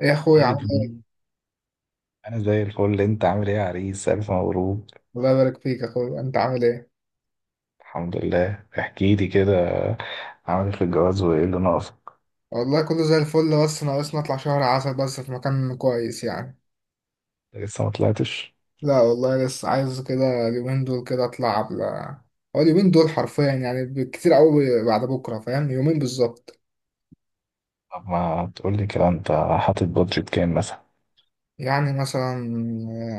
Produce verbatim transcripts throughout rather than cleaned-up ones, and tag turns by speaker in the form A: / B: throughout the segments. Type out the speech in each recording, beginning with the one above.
A: ايه يا اخويا،
B: ايه يا
A: عامل
B: جميل. انا زي الفل، انت عامل ايه يا عريس؟ الف مبروك.
A: ايه؟ الله يبارك فيك يا اخويا، انت عامل ايه؟
B: الحمد لله. احكي لي كده، عامل ايه في الجواز وايه اللي ناقص؟
A: والله كله زي الفل، بس ناقصنا اطلع شهر عسل، بس في مكان كويس يعني.
B: لسه ما طلعتش؟
A: لا والله، لسه عايز كده اليومين دول كده اطلع قبل. هو اليومين دول حرفيا، يعني بالكتير قوي بعد بكره، فاهم؟ يومين بالظبط.
B: طب ما تقول لي كده انت، حاطط بادجت كام مثلا؟
A: يعني مثلا.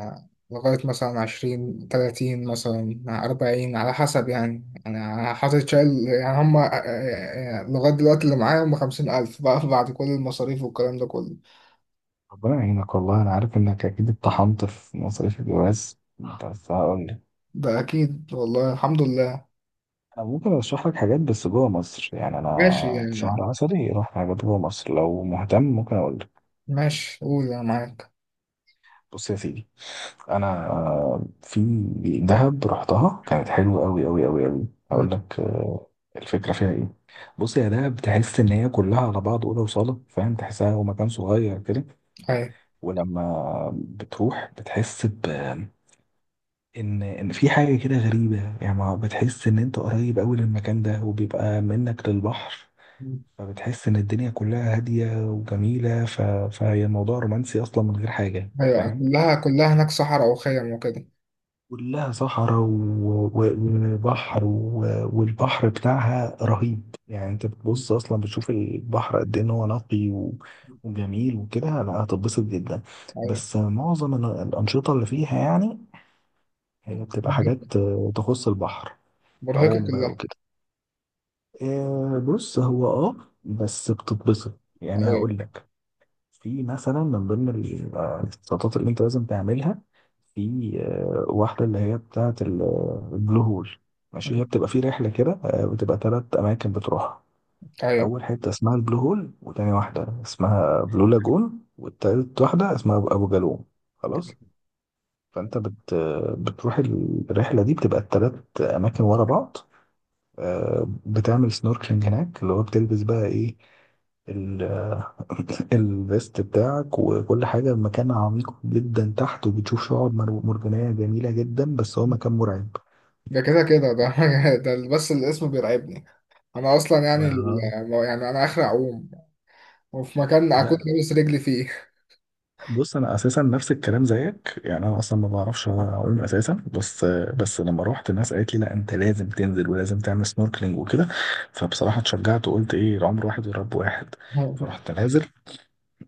A: آه، لغايه مثلا عشرين، تلاتين، مثلا أربعين، على حسب يعني، أنا حاطط شايل يعني هما، آه، آه، آه، لغاية دلوقتي اللي معايا هما خمسين ألف بقى بعد كل المصاريف والكلام ده كله.
B: ربنا يعينك والله، انا عارف انك اكيد اتطحنت في مصاريف الجواز، بس هقول لك،
A: ده أكيد والله، الحمد لله.
B: انا ممكن ارشح لك حاجات بس جوه مصر يعني.
A: ماشي
B: انا في شهر
A: يعني.
B: عسلي رحت حاجات جوه مصر، لو مهتم ممكن اقول لك.
A: ماشي قول، أنا معاك.
B: بص يا سيدي، انا آه، في دهب رحتها، كانت حلوه قوي قوي قوي قوي.
A: مم.
B: هقول لك آه، الفكره فيها ايه. بص يا دهب، تحس ان هي كلها على بعض اوضه وصاله، فاهم؟ تحسها هو مكان صغير كده.
A: أيوة.
B: ولما بتروح بتحس ب ان ان في حاجه كده غريبه يعني، ما بتحس ان انت قريب قوي للمكان ده، وبيبقى منك للبحر.
A: مم.
B: فبتحس ان الدنيا كلها هاديه وجميله، ف... فهي الموضوع رومانسي اصلا من غير حاجه،
A: أيوة،
B: فاهم؟
A: كلها كلها هناك صحراء وخيم وكده.
B: كلها صحراء و- و- وبحر، و- والبحر بتاعها رهيب يعني. انت
A: مم.
B: بتبص اصلا، بتشوف البحر قد ايه ان هو نقي و- وجميل وكده. لا، هتتبسط جدا.
A: أيوة.
B: بس معظم ال- الانشطه اللي فيها يعني، هي بتبقى
A: مرهقة.
B: حاجات آه، تخص البحر،
A: مرهقة
B: عوم بقى
A: كلها.
B: وكده. آه، بص هو اه، بس بتتبسط يعني.
A: أيوة.
B: هقول لك، في مثلا من ضمن ال- آه، الاحتياطات اللي انت لازم تعملها، في آه، واحدة اللي هي بتاعة ال- البلو هول. ماشي، هي بتبقى في رحلة كده، آه، بتبقى تلات أماكن بتروحها.
A: أيوة.
B: أول حتة اسمها البلو هول، وتاني واحدة اسمها بلو لاجون، والتالت واحدة اسمها أبو أبو جالوم. خلاص. فأنت بت بتروح الرحلة دي، بتبقى التلات أماكن ورا بعض. آه، بتعمل سنوركلينج هناك، اللي هو بتلبس بقى إيه، الفيست بتاعك وكل حاجة. المكان عميق جدا تحت وبتشوف شعاب مر- مرجانية جميلة جدا، بس هو مكان مرعب.
A: ده كده كده ده. ده بس الاسم بيرعبني. أنا أصلا يعني ال-
B: ما-
A: يعني أنا آخر أعوم. وفي مكان أكون
B: لا
A: لابس رجلي فيه.
B: بص، انا اساسا نفس الكلام زيك يعني، انا اصلا ما بعرفش اعوم اساسا، بس
A: مم.
B: بس لما روحت الناس قالت لي لا انت لازم تنزل ولازم تعمل سنوركلينج وكده. فبصراحه اتشجعت وقلت ايه، العمر واحد ويا رب واحد. فرحت نازل.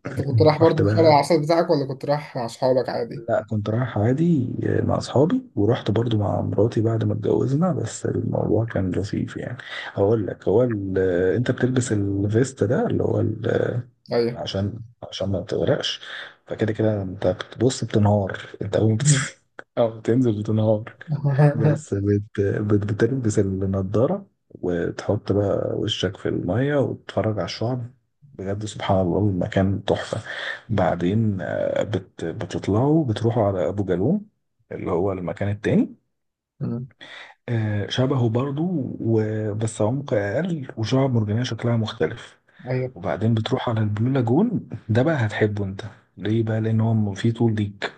A: أنت كنت رايح
B: رحت
A: برضه في شارع
B: بقى،
A: العسل بتاعك، ولا كنت رايح مع أصحابك عادي؟
B: لا كنت رايح عادي مع اصحابي، ورحت برضو مع مراتي بعد ما اتجوزنا. بس الموضوع كان لطيف يعني. هقول لك، هو ال- آه، انت بتلبس الفيست ده اللي هو ال- آه،
A: أيوة.
B: عشان، عشان ما تغرقش. فكده كده انت بتبص، بتنهار. انت اول ما
A: مم.
B: بت- او بتنزل بتنهار، بس بت... بت... بتلبس النضارة وتحط بقى وشك في المية وتتفرج على الشعب. بجد سبحان الله، المكان تحفة. بعدين آه، بت... بتطلعوا بتروحوا على أبو جالوم، اللي هو المكان التاني.
A: مم.
B: آه، شبهه برضو و... بس عمق أقل، وشعب مرجانية شكلها مختلف.
A: أيوة.
B: وبعدين بتروح على البلو لاجون، ده بقى هتحبه انت. ليه بقى؟ لأن هو فيه طول ليك،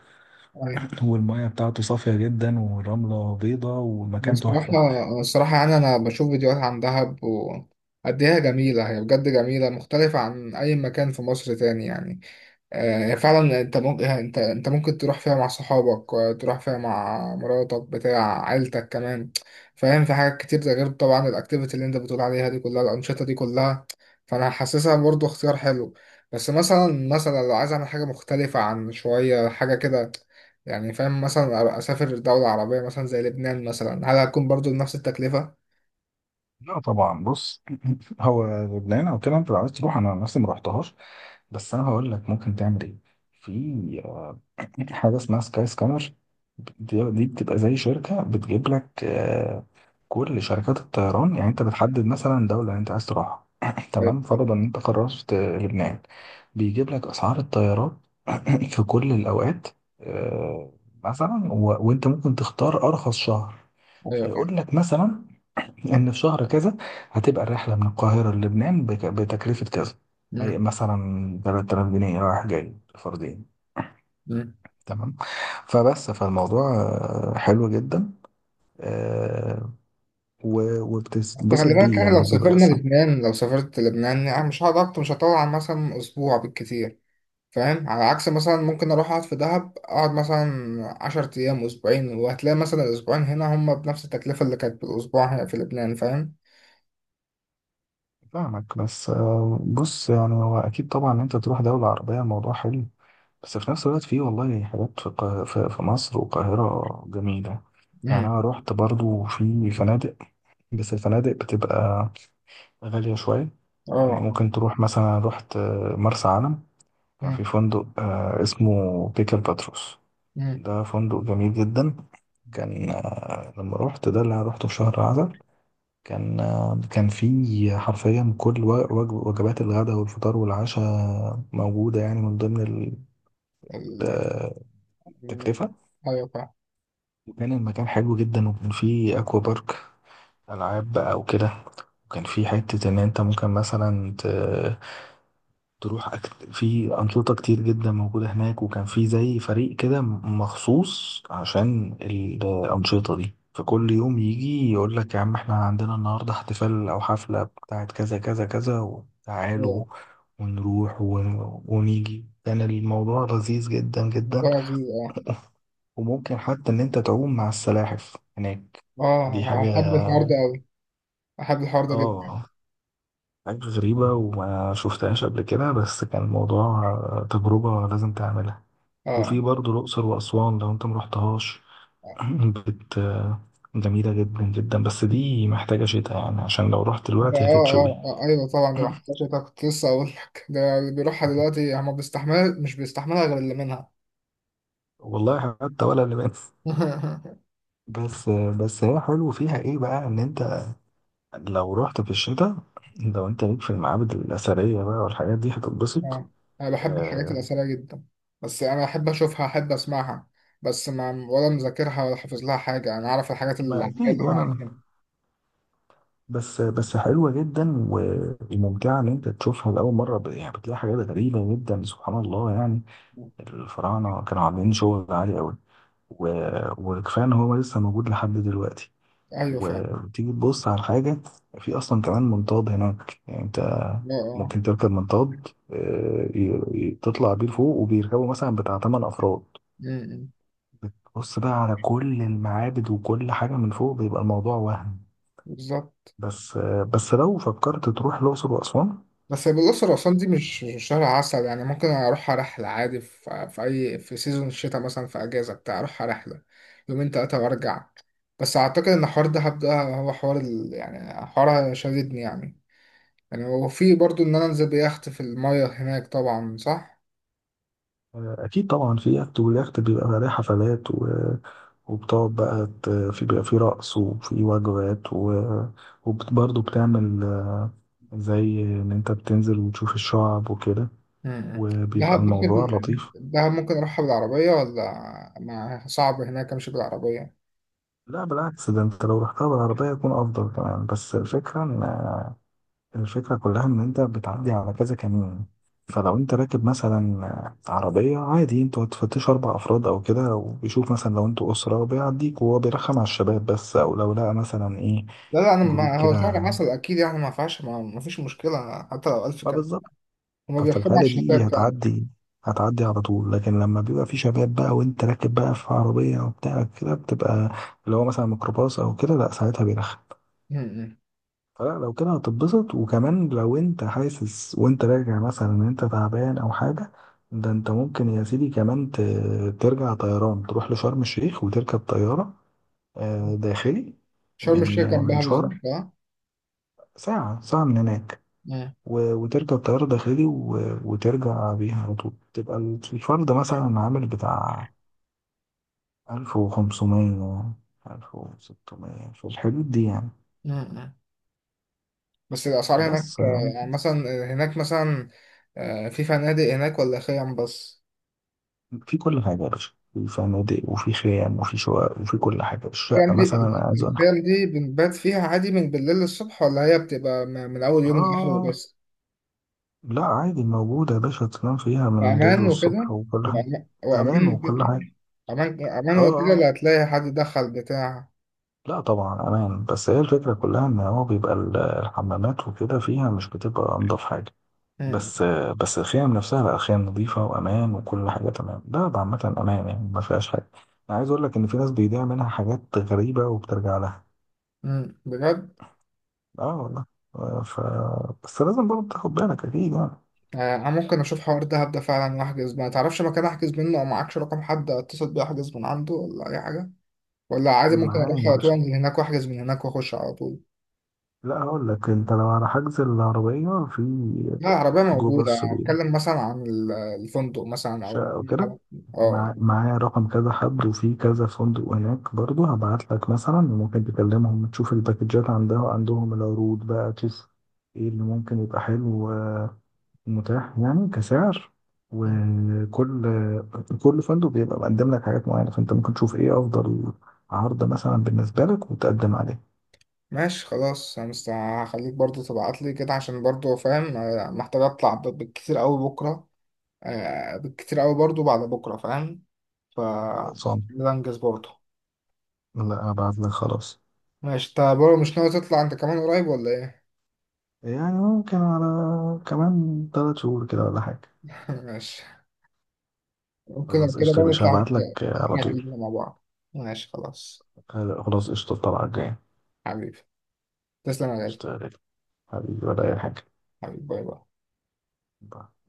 B: والمية بتاعته صافية جدا، والرملة بيضة، والمكان
A: الصراحة.
B: تحفة.
A: الصراحة يعني أنا بشوف فيديوهات عن دهب وقد إيه هي جميلة، هي بجد جميلة مختلفة عن أي مكان في مصر تاني يعني. آه، فعلا، انت ممكن انت انت ممكن تروح فيها مع صحابك، وتروح فيها مع مراتك بتاع عيلتك كمان. فاهم؟ في حاجات كتير، ده غير طبعا الاكتيفيتي اللي انت بتقول عليها دي كلها، الانشطه دي كلها. فانا حاسسها برضو اختيار حلو. بس مثلا مثلا لو عايز اعمل حاجه مختلفه عن شويه، حاجه كده. يعني فاهم؟ مثلا اسافر دوله عربيه، مثلا زي لبنان، مثلا هل هتكون برضو نفس التكلفه؟
B: لا طبعا، بص هو لبنان او كده انت لو عايز تروح، انا نفسي ما رحتهاش. بس انا هقول لك ممكن تعمل ايه. في آه، حاجه اسمها سكاي سكانر. دي دي بتبقى زي شركه بتجيب لك آه، كل شركات الطيران يعني. انت بتحدد مثلا دوله اللي انت عايز تروحها،
A: ايوه.
B: تمام؟ فرضا ان انت قررت آه، لبنان، بيجيب لك اسعار الطيارات في كل الاوقات. آه، مثلا و... وانت ممكن تختار ارخص شهر.
A: ايوه فاهم.
B: فيقول لك مثلا ان في شهر كذا هتبقى الرحله من القاهره للبنان بك- بتكلفه كذا. أي
A: مم.
B: مثلا ثلاثة آلاف جنيه رايح جاي فردين.
A: مم.
B: تمام؟ فبس فالموضوع آه، حلو جدا. آه، و- وبتتبسط
A: خلي بالك
B: بيه
A: يعني، لو
B: يعني، بيبقى
A: سافرنا
B: صح.
A: لبنان، لو سافرت لبنان يعني مش هقعد أكتر، مش هطول عن مثلا أسبوع بالكتير. فاهم؟ على عكس مثلا ممكن أروح أقعد في دهب، أقعد مثلا عشر أيام، أسبوعين، وهتلاقي مثلا الأسبوعين هنا هما بنفس التكلفة اللي كانت بالأسبوع هنا في لبنان، فاهم؟
B: فاهمك، بس آه، بص يعني، هو اكيد طبعا إن انت تروح دوله عربيه الموضوع حلو، بس في نفس الوقت فيه والله حاجات في القا- في في مصر والقاهره جميله. يعني
A: امم.
B: انا رحت برضو في فنادق، بس الفنادق بتبقى غالية شوية. يعني
A: اه.
B: ممكن تروح مثلا، أنا رحت آه، مرسى علم، كان
A: امم.
B: في فندق آه، اسمه بيكر باتروس.
A: امم.
B: ده فندق جميل جدا. كان آه، لما رحت ده اللي انا روحته في شهر عسل، كان آه، كان فيه حرفيا كل و- وج- وجبات الغداء والفطار والعشاء موجودة يعني من ضمن ال-
A: ال-
B: آه،
A: ال-
B: التكلفة.
A: ايوه فاهم.
B: وكان المكان حلو جدا، وكان فيه أكوا بارك، ألعاب بقى وكده. وكان في حتة إن أنت ممكن مثلا تروح أكت... في أنشطة كتير جدا موجودة هناك. وكان في زي فريق كده مخصوص عشان الأنشطة دي، فكل يوم يجي يقول لك يا عم احنا عندنا النهاردة احتفال أو حفلة بتاعت كذا كذا كذا وتعالوا
A: أيوة.
B: ونروح ون... ونيجي. كان الموضوع لذيذ جدا
A: الموضوع
B: جدا.
A: لذيذ، اه.
B: وممكن حتى إن أنت تعوم مع السلاحف هناك، دي
A: اه.
B: حاجة
A: احب الحوار ده أوي. احب الحوار ده جدا.
B: آه، حاجة غريبة وما شفتهاش قبل كده، بس كان الموضوع تجربة لازم تعملها. وفي
A: اه.
B: برضه الأقصر وأسوان لو أنت مرحتهاش، بت جميلة جدا جدا، بس دي محتاجة شتاء يعني، عشان لو رحت
A: ده اه
B: دلوقتي هتتشوي.
A: اه آه، ايوه طبعا، دي محتاجة، ده كنت لسه اقول لك، ده اللي بيروحها دلوقتي هما بيستحمل، مش بيستحملها غير اللي منها.
B: والله حتى ولا لباس. بس بس هي حلو فيها ايه بقى، ان انت لو رحت في الشتاء، لو انت ليك في المعابد الأثرية بقى والحاجات دي هتتبسط.
A: آه، انا بحب الحاجات
B: آه،
A: الاثريه جدا. بس انا احب اشوفها، احب اسمعها. بس ما ولا مذاكرها ولا حافظ لها حاجه، انا عارف الحاجات
B: ما
A: العاميه
B: أكيد،
A: اللي احنا
B: وأنا
A: عارفينها.
B: بس، بس حلوة جدا و- وممتعة إن أنت تشوفها لأول مرة، ب- يعني بتلاقي حاجات غريبة جدا سبحان الله يعني. الفراعنة كانوا عاملين شغل عالي قوي، و... وكفاية إن هو لسه موجود لحد دلوقتي.
A: ايوه فعلا.
B: و- وتيجي تبص على حاجة، في أصلا كمان منطاد هناك. يعني أنت
A: اه. اه.
B: ممكن تركب منطاد، آه، ي- ي- تطلع بيه لفوق، وبيركبوا مثلا بتاع تمن أفراد.
A: أمم.
B: بتبص بقى على كل المعابد وكل حاجة من فوق، بيبقى الموضوع وهم.
A: بالظبط.
B: بس آه، بس لو فكرت تروح الأقصر وأسوان،
A: بس بالأقصر وأسوان دي مش مش شهر عسل، يعني ممكن أروحها رحلة عادي في, في أي في سيزون الشتاء، مثلا في أجازة بتاع أروحها رحلة. يومين تلاتة وأرجع. بس أعتقد إن حوار دهب ده هو حوار ال... يعني حوار شددني يعني. يعني وفي برضو إن أنا أنزل بيخت في المية هناك، طبعا صح؟
B: اكيد طبعا في اكت، والاكت بيبقى عليه حفلات و... وبتقعد بقى ت... في بيبقى في رقص وفي وجبات و... وبرضه بتعمل آه، زي ان انت بتنزل وتشوف الشعب وكده،
A: مم.
B: وبيبقى
A: دهب
B: الموضوع
A: ممكن
B: لطيف.
A: دهب ممكن أروحها بالعربية ولا ما صعب هناك أمشي بالعربية؟
B: لا بالعكس، ده انت لو رحتها بالعربية يكون افضل كمان. بس الفكرة ان، الفكرة كلها إن أنت بتعدي على كذا كمين، فلو أنت راكب مثلا عربية عادي أنتوا هتفتشوا أربع أفراد أو كده، وبيشوف مثلا لو أنتوا أسرة بيعديك، وهو بيرخم على الشباب بس، أو لو لقى مثلا إيه
A: لا، لا، أنا ما
B: جروب
A: هو شهر
B: كده.
A: عسل أكيد يعني، ما فيهاش، ما ما فيش مشكلة حتى لو ألف
B: ما
A: كلمة.
B: بالظبط.
A: هما
B: ففي
A: بيحكموا على
B: الحالة دي
A: الشباب.
B: هتعدي هتعدي على طول، لكن لما بيبقى في شباب بقى وأنت راكب بقى في عربية وبتاع كده بتبقى، اللي هو مثلا ميكروباص أو كده، لأ ساعتها بيرخم.
A: مم.
B: فلا لو كده هتتبسط. وكمان لو انت حاسس وانت راجع مثلا ان انت تعبان او حاجة، ده انت ممكن يا سيدي كمان ت- ترجع طيران، تروح لشرم الشيخ وتركب طيارة آه، داخلي.
A: شرم
B: من
A: الشيخ
B: من
A: جنبها
B: شرم،
A: بالظبط، اه.
B: ساعة، ساعة من هناك،
A: مم.
B: و- وتركب طيارة داخلي و- وترجع بيها على طول. تبقى الفرد مثلا عامل بتاع ألف وخمسمية، ألف وستمية في الحدود دي يعني.
A: مم. بس الأسعار هناك،
B: بس آه،
A: آه، يعني مثلا. هناك مثلا، آه، في فنادق هناك ولا خيام بس؟
B: في كل حاجة يا باشا، في فنادق وفي خيام وفي شقق وفي كل حاجة. الشقة
A: الخيام دي
B: مثلا أنا عايز أنخ،
A: الخيام دي بنبات فيها عادي من بالليل للصبح، ولا هي بتبقى م- من أول يوم لآخره
B: آه
A: بس؟
B: لا، عادي موجودة يا باشا، تنام فيها من الليل
A: وأمان وكده.
B: والصبح وكل حاجة.
A: وأما-
B: أمان
A: وأمان
B: وكل
A: وكده.
B: حاجة.
A: أمان أمان
B: آه
A: وكده،
B: آه،
A: اللي هتلاقي حد دخل بتاع.
B: لا طبعا أمان. بس هي الفكرة كلها إن هو بيبقى ال- الحمامات وكده فيها مش بتبقى أنضف حاجة.
A: مم.
B: بس، بس الخيام نفسها لا، خيام نظيفة وأمان وكل حاجة تمام. ده ده عامة أمان يعني، ما فيهاش حاجة. أنا عايز أقول لك إن في ناس بيضيع منها حاجات غريبة وبترجع لها.
A: مم. بجد؟
B: اه والله. آه، ف بس لازم برضه تاخد بالك اكيد يعني.
A: آه، انا ممكن اشوف حوار دهب ده، هبدأ فعلا واحجز، ما تعرفش مكان احجز منه او معكش رقم حد اتصل بيه احجز من عنده، ولا اي حاجه. ولا عادي ممكن
B: معايا
A: اروح
B: يا
A: على طول
B: باشا،
A: من هناك، واحجز من هناك، واخش على طول.
B: لا هقول لك، انت لو على حجز العربية في
A: لا، العربيه
B: جو
A: موجوده،
B: باص
A: أنا
B: بيبقى
A: اتكلم مثلا عن ال- الفندق مثلا او
B: شقة وكده.
A: المكان. اه.
B: مع... معايا رقم كذا حد وفي كذا فندق هناك برضه، هبعت لك مثلا، وممكن تكلمهم تشوف الباكجات عندها عندهم، العروض بقى تشوف ايه اللي ممكن يبقى حلو متاح يعني كسعر. وكل كل فندق بيبقى مقدم لك حاجات معينة، فانت ممكن تشوف ايه افضل عرض مثلا بالنسبة لك وتقدم عليه.
A: ماشي خلاص، انا مست- هخليك برضو تبعت لي كده، عشان برضو فاهم، آه، محتاج اطلع ب- بالكتير قوي بكره. آه، بالكتير قوي برضو بعد بكره، فاهم. ف
B: خلصان.
A: ده انجز برضو.
B: لا ابعت لك خلاص.
A: ماشي، انت برضو مش ناوي تطلع انت كمان قريب ولا ايه؟
B: يعني ممكن على كمان تلات شهور كده ولا حاجة.
A: ماشي. وكده
B: خلاص
A: كده
B: قشطة يا
A: بقى
B: باشا،
A: نطلع.
B: هبعت لك على
A: نطلع
B: طول.
A: كلنا مع بعض. ماشي خلاص.
B: خلاص قشطة، الطلعة الجاية.
A: حبيبي. تسلم يا غالي.
B: قشطة يا غالي. حبيبي ولا أي حاجة.
A: حبيبي، باي باي.
B: باي.